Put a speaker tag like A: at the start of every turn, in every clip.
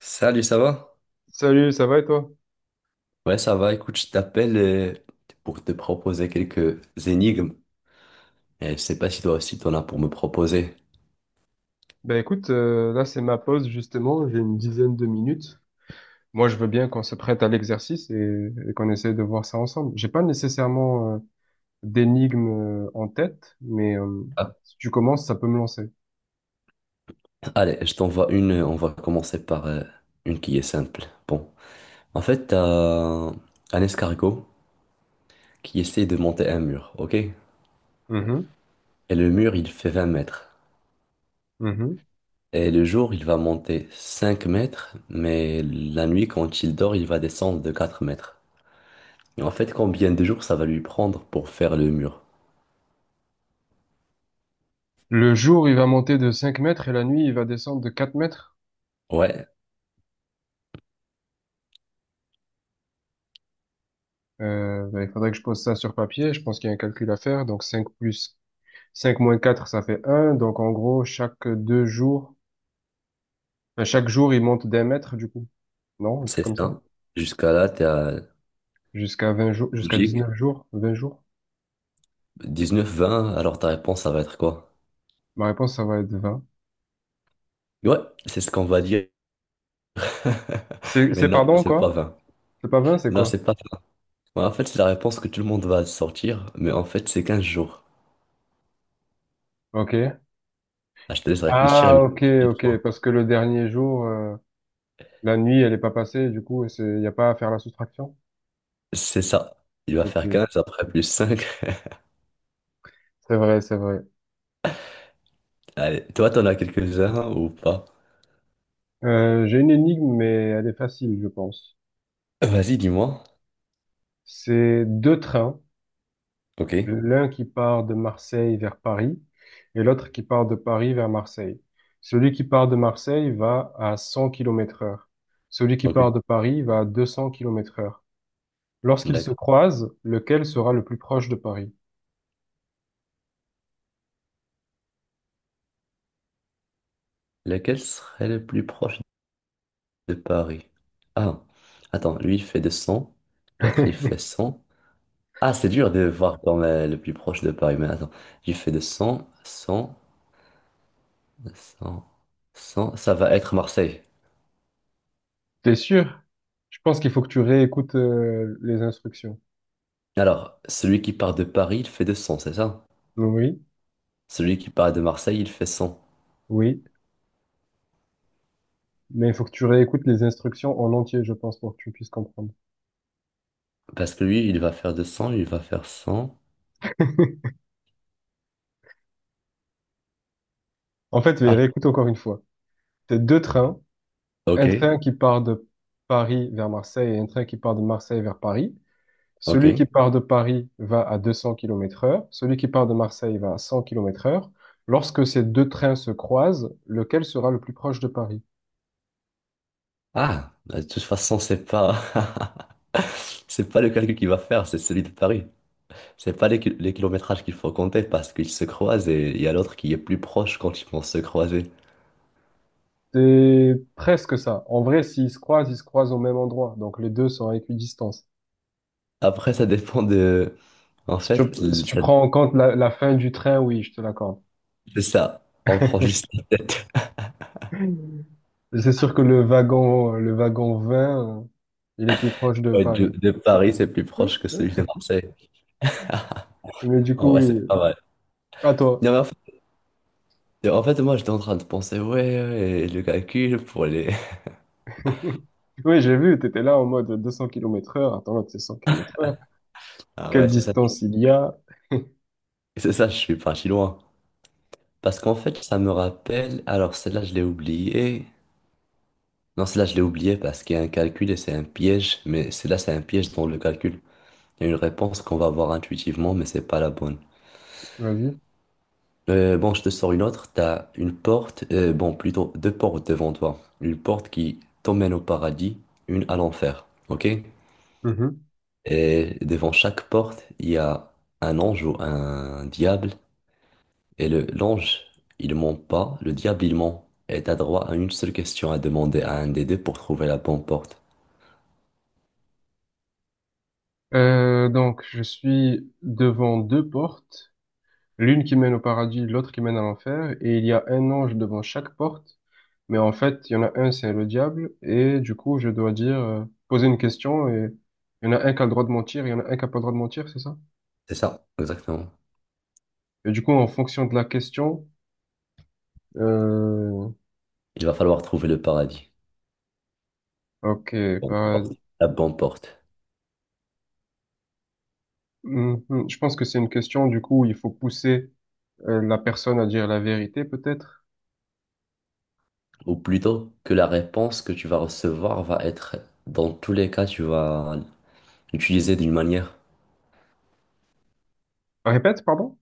A: Salut, ça va?
B: Salut, ça va et toi?
A: Ouais, ça va. Écoute, je t'appelle pour te proposer quelques énigmes. Et je sais pas si toi aussi t'en as pour me proposer.
B: Ben écoute, là c'est ma pause justement, j'ai une dizaine de minutes. Moi je veux bien qu'on se prête à l'exercice et qu'on essaie de voir ça ensemble. J'ai pas nécessairement d'énigme en tête, mais
A: Ah,
B: si tu commences, ça peut me lancer.
A: allez, je t'envoie une. On va commencer par une qui est simple. Bon, en fait, t'as un escargot qui essaie de monter un mur, ok? Et
B: Mhm,
A: le mur, il fait 20 mètres.
B: mhm.
A: Et le jour, il va monter 5 mètres, mais la nuit, quand il dort, il va descendre de 4 mètres. Et en fait, combien de jours ça va lui prendre pour faire le mur?
B: Le jour il va monter de 5 mètres et la nuit il va descendre de 4 mètres.
A: Ouais.
B: Ben, il faudrait que je pose ça sur papier, je pense qu'il y a un calcul à faire. Donc 5 plus 5 moins 4 ça fait un, donc en gros chaque 2 jours. À chaque jour, il monte d'1 mètre, du coup. Non, un truc
A: C'est
B: comme ça.
A: ça. Jusqu'à là, t'es à
B: Jusqu'à 20 jours, jusqu'à
A: logique.
B: 19 jours, 20 jours.
A: Neuf vingt, alors ta réponse, ça va être quoi?
B: Ma réponse, ça va être 20.
A: Ouais, c'est ce qu'on va dire.
B: C'est,
A: Mais
B: c'est
A: non,
B: pardon,
A: c'est
B: quoi?
A: pas 20.
B: C'est pas 20, c'est
A: Non,
B: quoi?
A: c'est pas vingt. Ouais, en fait, c'est la réponse que tout le monde va sortir, mais en fait, c'est 15 jours.
B: Ok.
A: Ah, je te laisse réfléchir et
B: Ah,
A: me
B: ok,
A: dis trop.
B: ok. Parce que le dernier jour, la nuit, elle est pas passée, du coup, il n'y a pas à faire la soustraction.
A: C'est ça. Il va
B: Ok.
A: faire 15 après plus 5.
B: C'est vrai, c'est vrai.
A: Allez, toi, t'en as quelques-uns ou pas?
B: J'ai une énigme, mais elle est facile, je pense.
A: Vas-y, dis-moi.
B: C'est deux trains.
A: Ok.
B: L'un qui part de Marseille vers Paris et l'autre qui part de Paris vers Marseille. Celui qui part de Marseille va à 100 km heure. Celui qui
A: Ok.
B: part de Paris va à 200 km heure. Lorsqu'ils se
A: D'accord.
B: croisent, lequel sera le plus proche de Paris?
A: Lequel serait le plus proche? De Paris. Ah, attends, lui il fait deux cents, l'autre il fait cent. Ah, c'est dur de voir quand même le plus proche de Paris, mais attends, lui fait 200, cent, cent, cent, cent, ça va être Marseille.
B: T'es sûr? Je pense qu'il faut que tu réécoutes les instructions.
A: Alors, celui qui part de Paris, il fait deux cents, c'est ça?
B: Oui,
A: Celui qui part de Marseille, il fait cent.
B: oui, mais il faut que tu réécoutes les instructions en entier, je pense, pour que tu puisses comprendre.
A: Parce que lui, il va faire deux cents, il va faire cent.
B: En fait, mais
A: Ah,
B: réécoute encore une fois. T'as deux trains, un
A: ok,
B: train qui part de Paris vers Marseille et un train qui part de Marseille vers Paris.
A: ok.
B: Celui qui part de Paris va à 200 km heure. Celui qui part de Marseille va à 100 km heure. Lorsque ces deux trains se croisent, lequel sera le plus proche de Paris?
A: Ah, bah, de toute façon, c'est pas... c'est pas le calcul qu'il va faire, c'est celui de Paris. C'est pas les, les kilométrages qu'il faut compter parce qu'ils se croisent et il y a l'autre qui est plus proche quand ils vont se croiser.
B: C'est presque ça. En vrai, s'ils se croisent, ils se croisent au même endroit. Donc les deux sont à équidistance.
A: Après, ça dépend de... En
B: Si tu,
A: fait,
B: si tu prends en compte la fin du train, oui, je te l'accorde.
A: c'est ça. On prend juste la tête.
B: C'est sûr que le wagon 20, il est plus proche de
A: Ouais,
B: Paris.
A: de Paris, c'est plus proche que celui de Marseille.
B: Mais du
A: En
B: coup,
A: vrai,
B: oui.
A: c'est pas mal.
B: À toi.
A: Non, mais en fait, moi, j'étais en train de penser, ouais, ouais, le calcul pour les...
B: Oui, j'ai vu, t'étais là en mode 200 km heure. Attends, c'est 100 km heure.
A: Ah
B: Quelle
A: ouais, c'est ça.
B: distance il y a?
A: C'est ça, je suis parti loin. Parce qu'en fait, ça me rappelle... Alors, celle-là, je l'ai oubliée. Non, celle-là, je l'ai oubliée parce qu'il y a un calcul et c'est un piège. Mais celle-là, c'est un piège dans le calcul. Il y a une réponse qu'on va avoir intuitivement, mais c'est pas la bonne.
B: Vas-y.
A: Bon, je te sors une autre. T'as une porte, bon, plutôt deux portes devant toi. Une porte qui t'emmène au paradis, une à l'enfer. Ok?
B: Mhm.
A: Et devant chaque porte, il y a un ange ou un diable. Et l'ange, il ment pas. Le diable, il ment. Et t'as droit à une seule question à demander à un des deux pour trouver la bonne porte.
B: Donc, je suis devant deux portes. L'une qui mène au paradis, l'autre qui mène à l'enfer. Et il y a un ange devant chaque porte. Mais en fait, il y en a un, c'est le diable. Et du coup, je dois dire, poser une question. Et il y en a un qui a le droit de mentir, il y en a un qui a pas le droit de mentir, c'est ça?
A: C'est ça, exactement.
B: Et du coup, en fonction de la question, euh,
A: Il va falloir trouver le paradis.
B: ok,
A: Bon, la
B: bah.
A: porte. La bonne porte.
B: Mhm. Je pense que c'est une question, du coup, où il faut pousser la personne à dire la vérité, peut-être.
A: Ou plutôt que la réponse que tu vas recevoir va être, dans tous les cas, tu vas l'utiliser d'une manière.
B: Répète, pardon?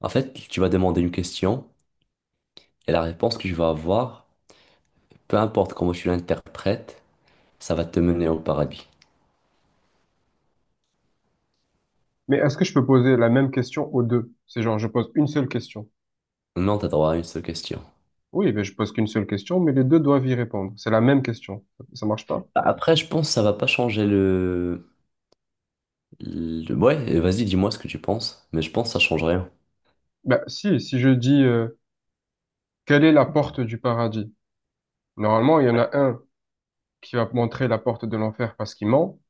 A: En fait, tu vas demander une question et la réponse que tu vas avoir, peu importe comment tu l'interprètes, ça va te mener au paradis.
B: Mais est-ce que je peux poser la même question aux deux? C'est genre, je pose une seule question.
A: Non, t'as droit à une seule question.
B: Oui, mais je pose qu'une seule question, mais les deux doivent y répondre. C'est la même question. Ça marche pas?
A: Après, je pense que ça va pas changer le... Ouais, vas-y, dis-moi ce que tu penses. Mais je pense que ça change rien.
B: Ben, si je dis, quelle est la porte du paradis? Normalement, il y en a un qui va montrer la porte de l'enfer parce qu'il ment,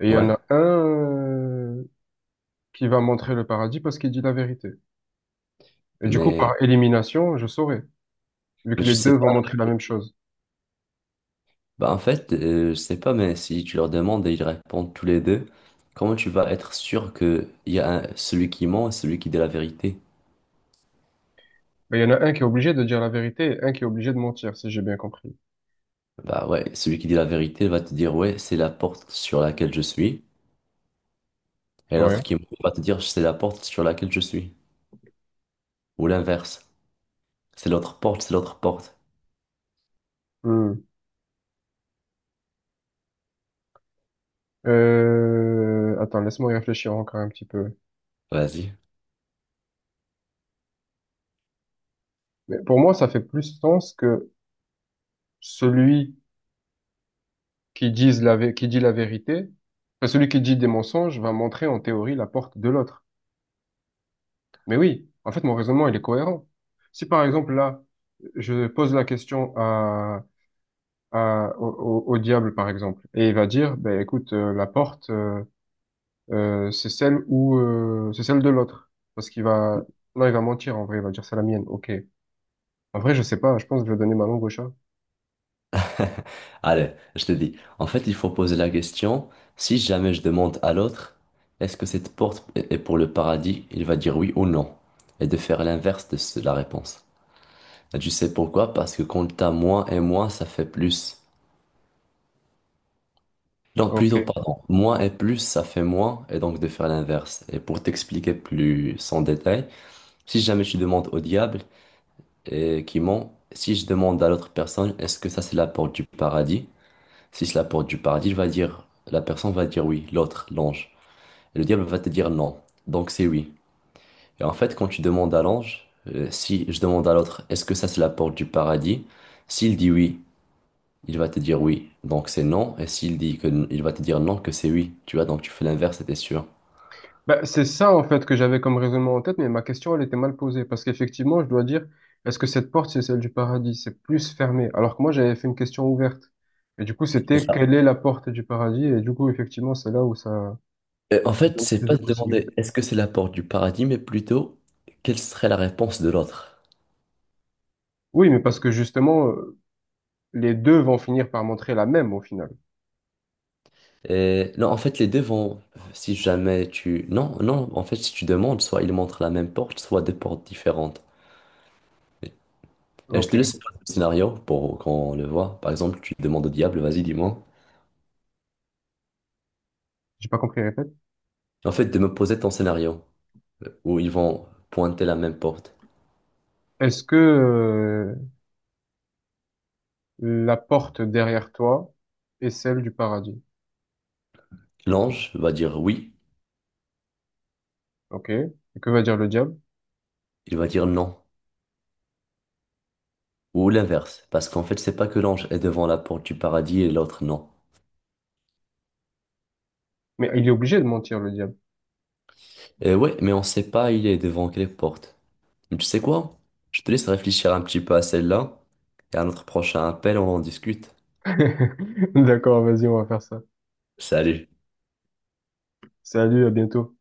B: et il y
A: Ouais,
B: en a un qui va montrer le paradis parce qu'il dit la vérité. Et du coup,
A: mais...
B: par élimination, je saurai, vu
A: Mais
B: que
A: tu
B: les
A: sais
B: deux vont
A: pas.
B: montrer la même chose.
A: Bah en fait, je sais pas, mais si tu leur demandes et ils répondent tous les deux, comment tu vas être sûr que il y a un- celui qui ment et celui qui dit la vérité?
B: Mais il y en a un qui est obligé de dire la vérité et un qui est obligé de mentir, si j'ai bien compris.
A: Bah ouais, celui qui dit la vérité va te dire ouais, c'est la porte sur laquelle je suis, et
B: Ouais.
A: l'autre qui ment va te dire c'est la porte sur laquelle je suis, ou l'inverse, c'est l'autre porte, c'est l'autre porte.
B: Hmm. Attends, laisse-moi y réfléchir encore un petit peu.
A: Vas-y.
B: Mais pour moi, ça fait plus sens que celui qui dit la vérité, enfin, celui qui dit des mensonges va montrer en théorie la porte de l'autre. Mais oui, en fait, mon raisonnement, il est cohérent. Si par exemple, là, je pose la question au diable, par exemple, et il va dire, ben écoute, la porte, c'est celle où c'est celle de l'autre. Parce qu'il va non, il va mentir en vrai, il va dire c'est la mienne. Ok. En vrai, je sais pas, je pense que je vais donner ma langue au chat.
A: Allez, je te dis. En fait, il faut poser la question, si jamais je demande à l'autre, est-ce que cette porte est pour le paradis? Il va dire oui ou non. Et de faire l'inverse de la réponse. Et tu sais pourquoi? Parce que quand t'as moins et moins, ça fait plus. Non, plutôt,
B: Ok.
A: pardon. Moins et plus, ça fait moins, et donc de faire l'inverse. Et pour t'expliquer plus en détail, si jamais tu demandes au diable et qui ment, si je demande à l'autre personne, est-ce que ça c'est la porte du paradis? Si c'est la porte du paradis, il va dire, la personne va dire oui, l'autre, l'ange. Et le diable va te dire non. Donc c'est oui. Et en fait, quand tu demandes à l'ange, si je demande à l'autre, est-ce que ça c'est la porte du paradis? S'il dit oui, il va te dire oui. Donc c'est non. Et s'il dit que il va te dire non, que c'est oui. Tu vois, donc tu fais l'inverse et t'es sûr.
B: Ben, c'est ça en fait que j'avais comme raisonnement en tête, mais ma question elle était mal posée parce qu'effectivement je dois dire est-ce que cette porte c'est celle du paradis? C'est plus fermé. Alors que moi j'avais fait une question ouverte. Et du coup
A: C'est
B: c'était
A: ça.
B: quelle est la porte du paradis? Et du coup effectivement c'est là où ça
A: Et en
B: ça
A: fait,
B: donne
A: c'est
B: plus de
A: pas de
B: possibilités.
A: demander est-ce que c'est la porte du paradis, mais plutôt quelle serait la réponse de l'autre.
B: Oui, mais parce que justement les deux vont finir par montrer la même au final.
A: Non, en fait, si jamais tu... Non, non, en fait, si tu demandes, soit ils montrent la même porte, soit deux portes différentes. Et je te
B: Ok,
A: laisse poser le scénario pour qu'on le voit. Par exemple, tu demandes au diable, vas-y, dis-moi.
B: j'ai pas compris, répète.
A: En fait, de me poser ton scénario, où ils vont pointer la même porte.
B: Est-ce que la porte derrière toi est celle du paradis?
A: L'ange va dire oui,
B: Ok. Et que va dire le diable?
A: il va dire non. Ou l'inverse, parce qu'en fait, c'est pas que l'ange est devant la porte du paradis et l'autre non.
B: Mais il est obligé de mentir le diable.
A: Et ouais, mais on sait pas il est devant quelle porte. Mais tu sais quoi? Je te laisse réfléchir un petit peu à celle-là et à notre prochain appel, on en discute.
B: D'accord, vas-y, on va faire ça.
A: Salut.
B: Salut, à bientôt.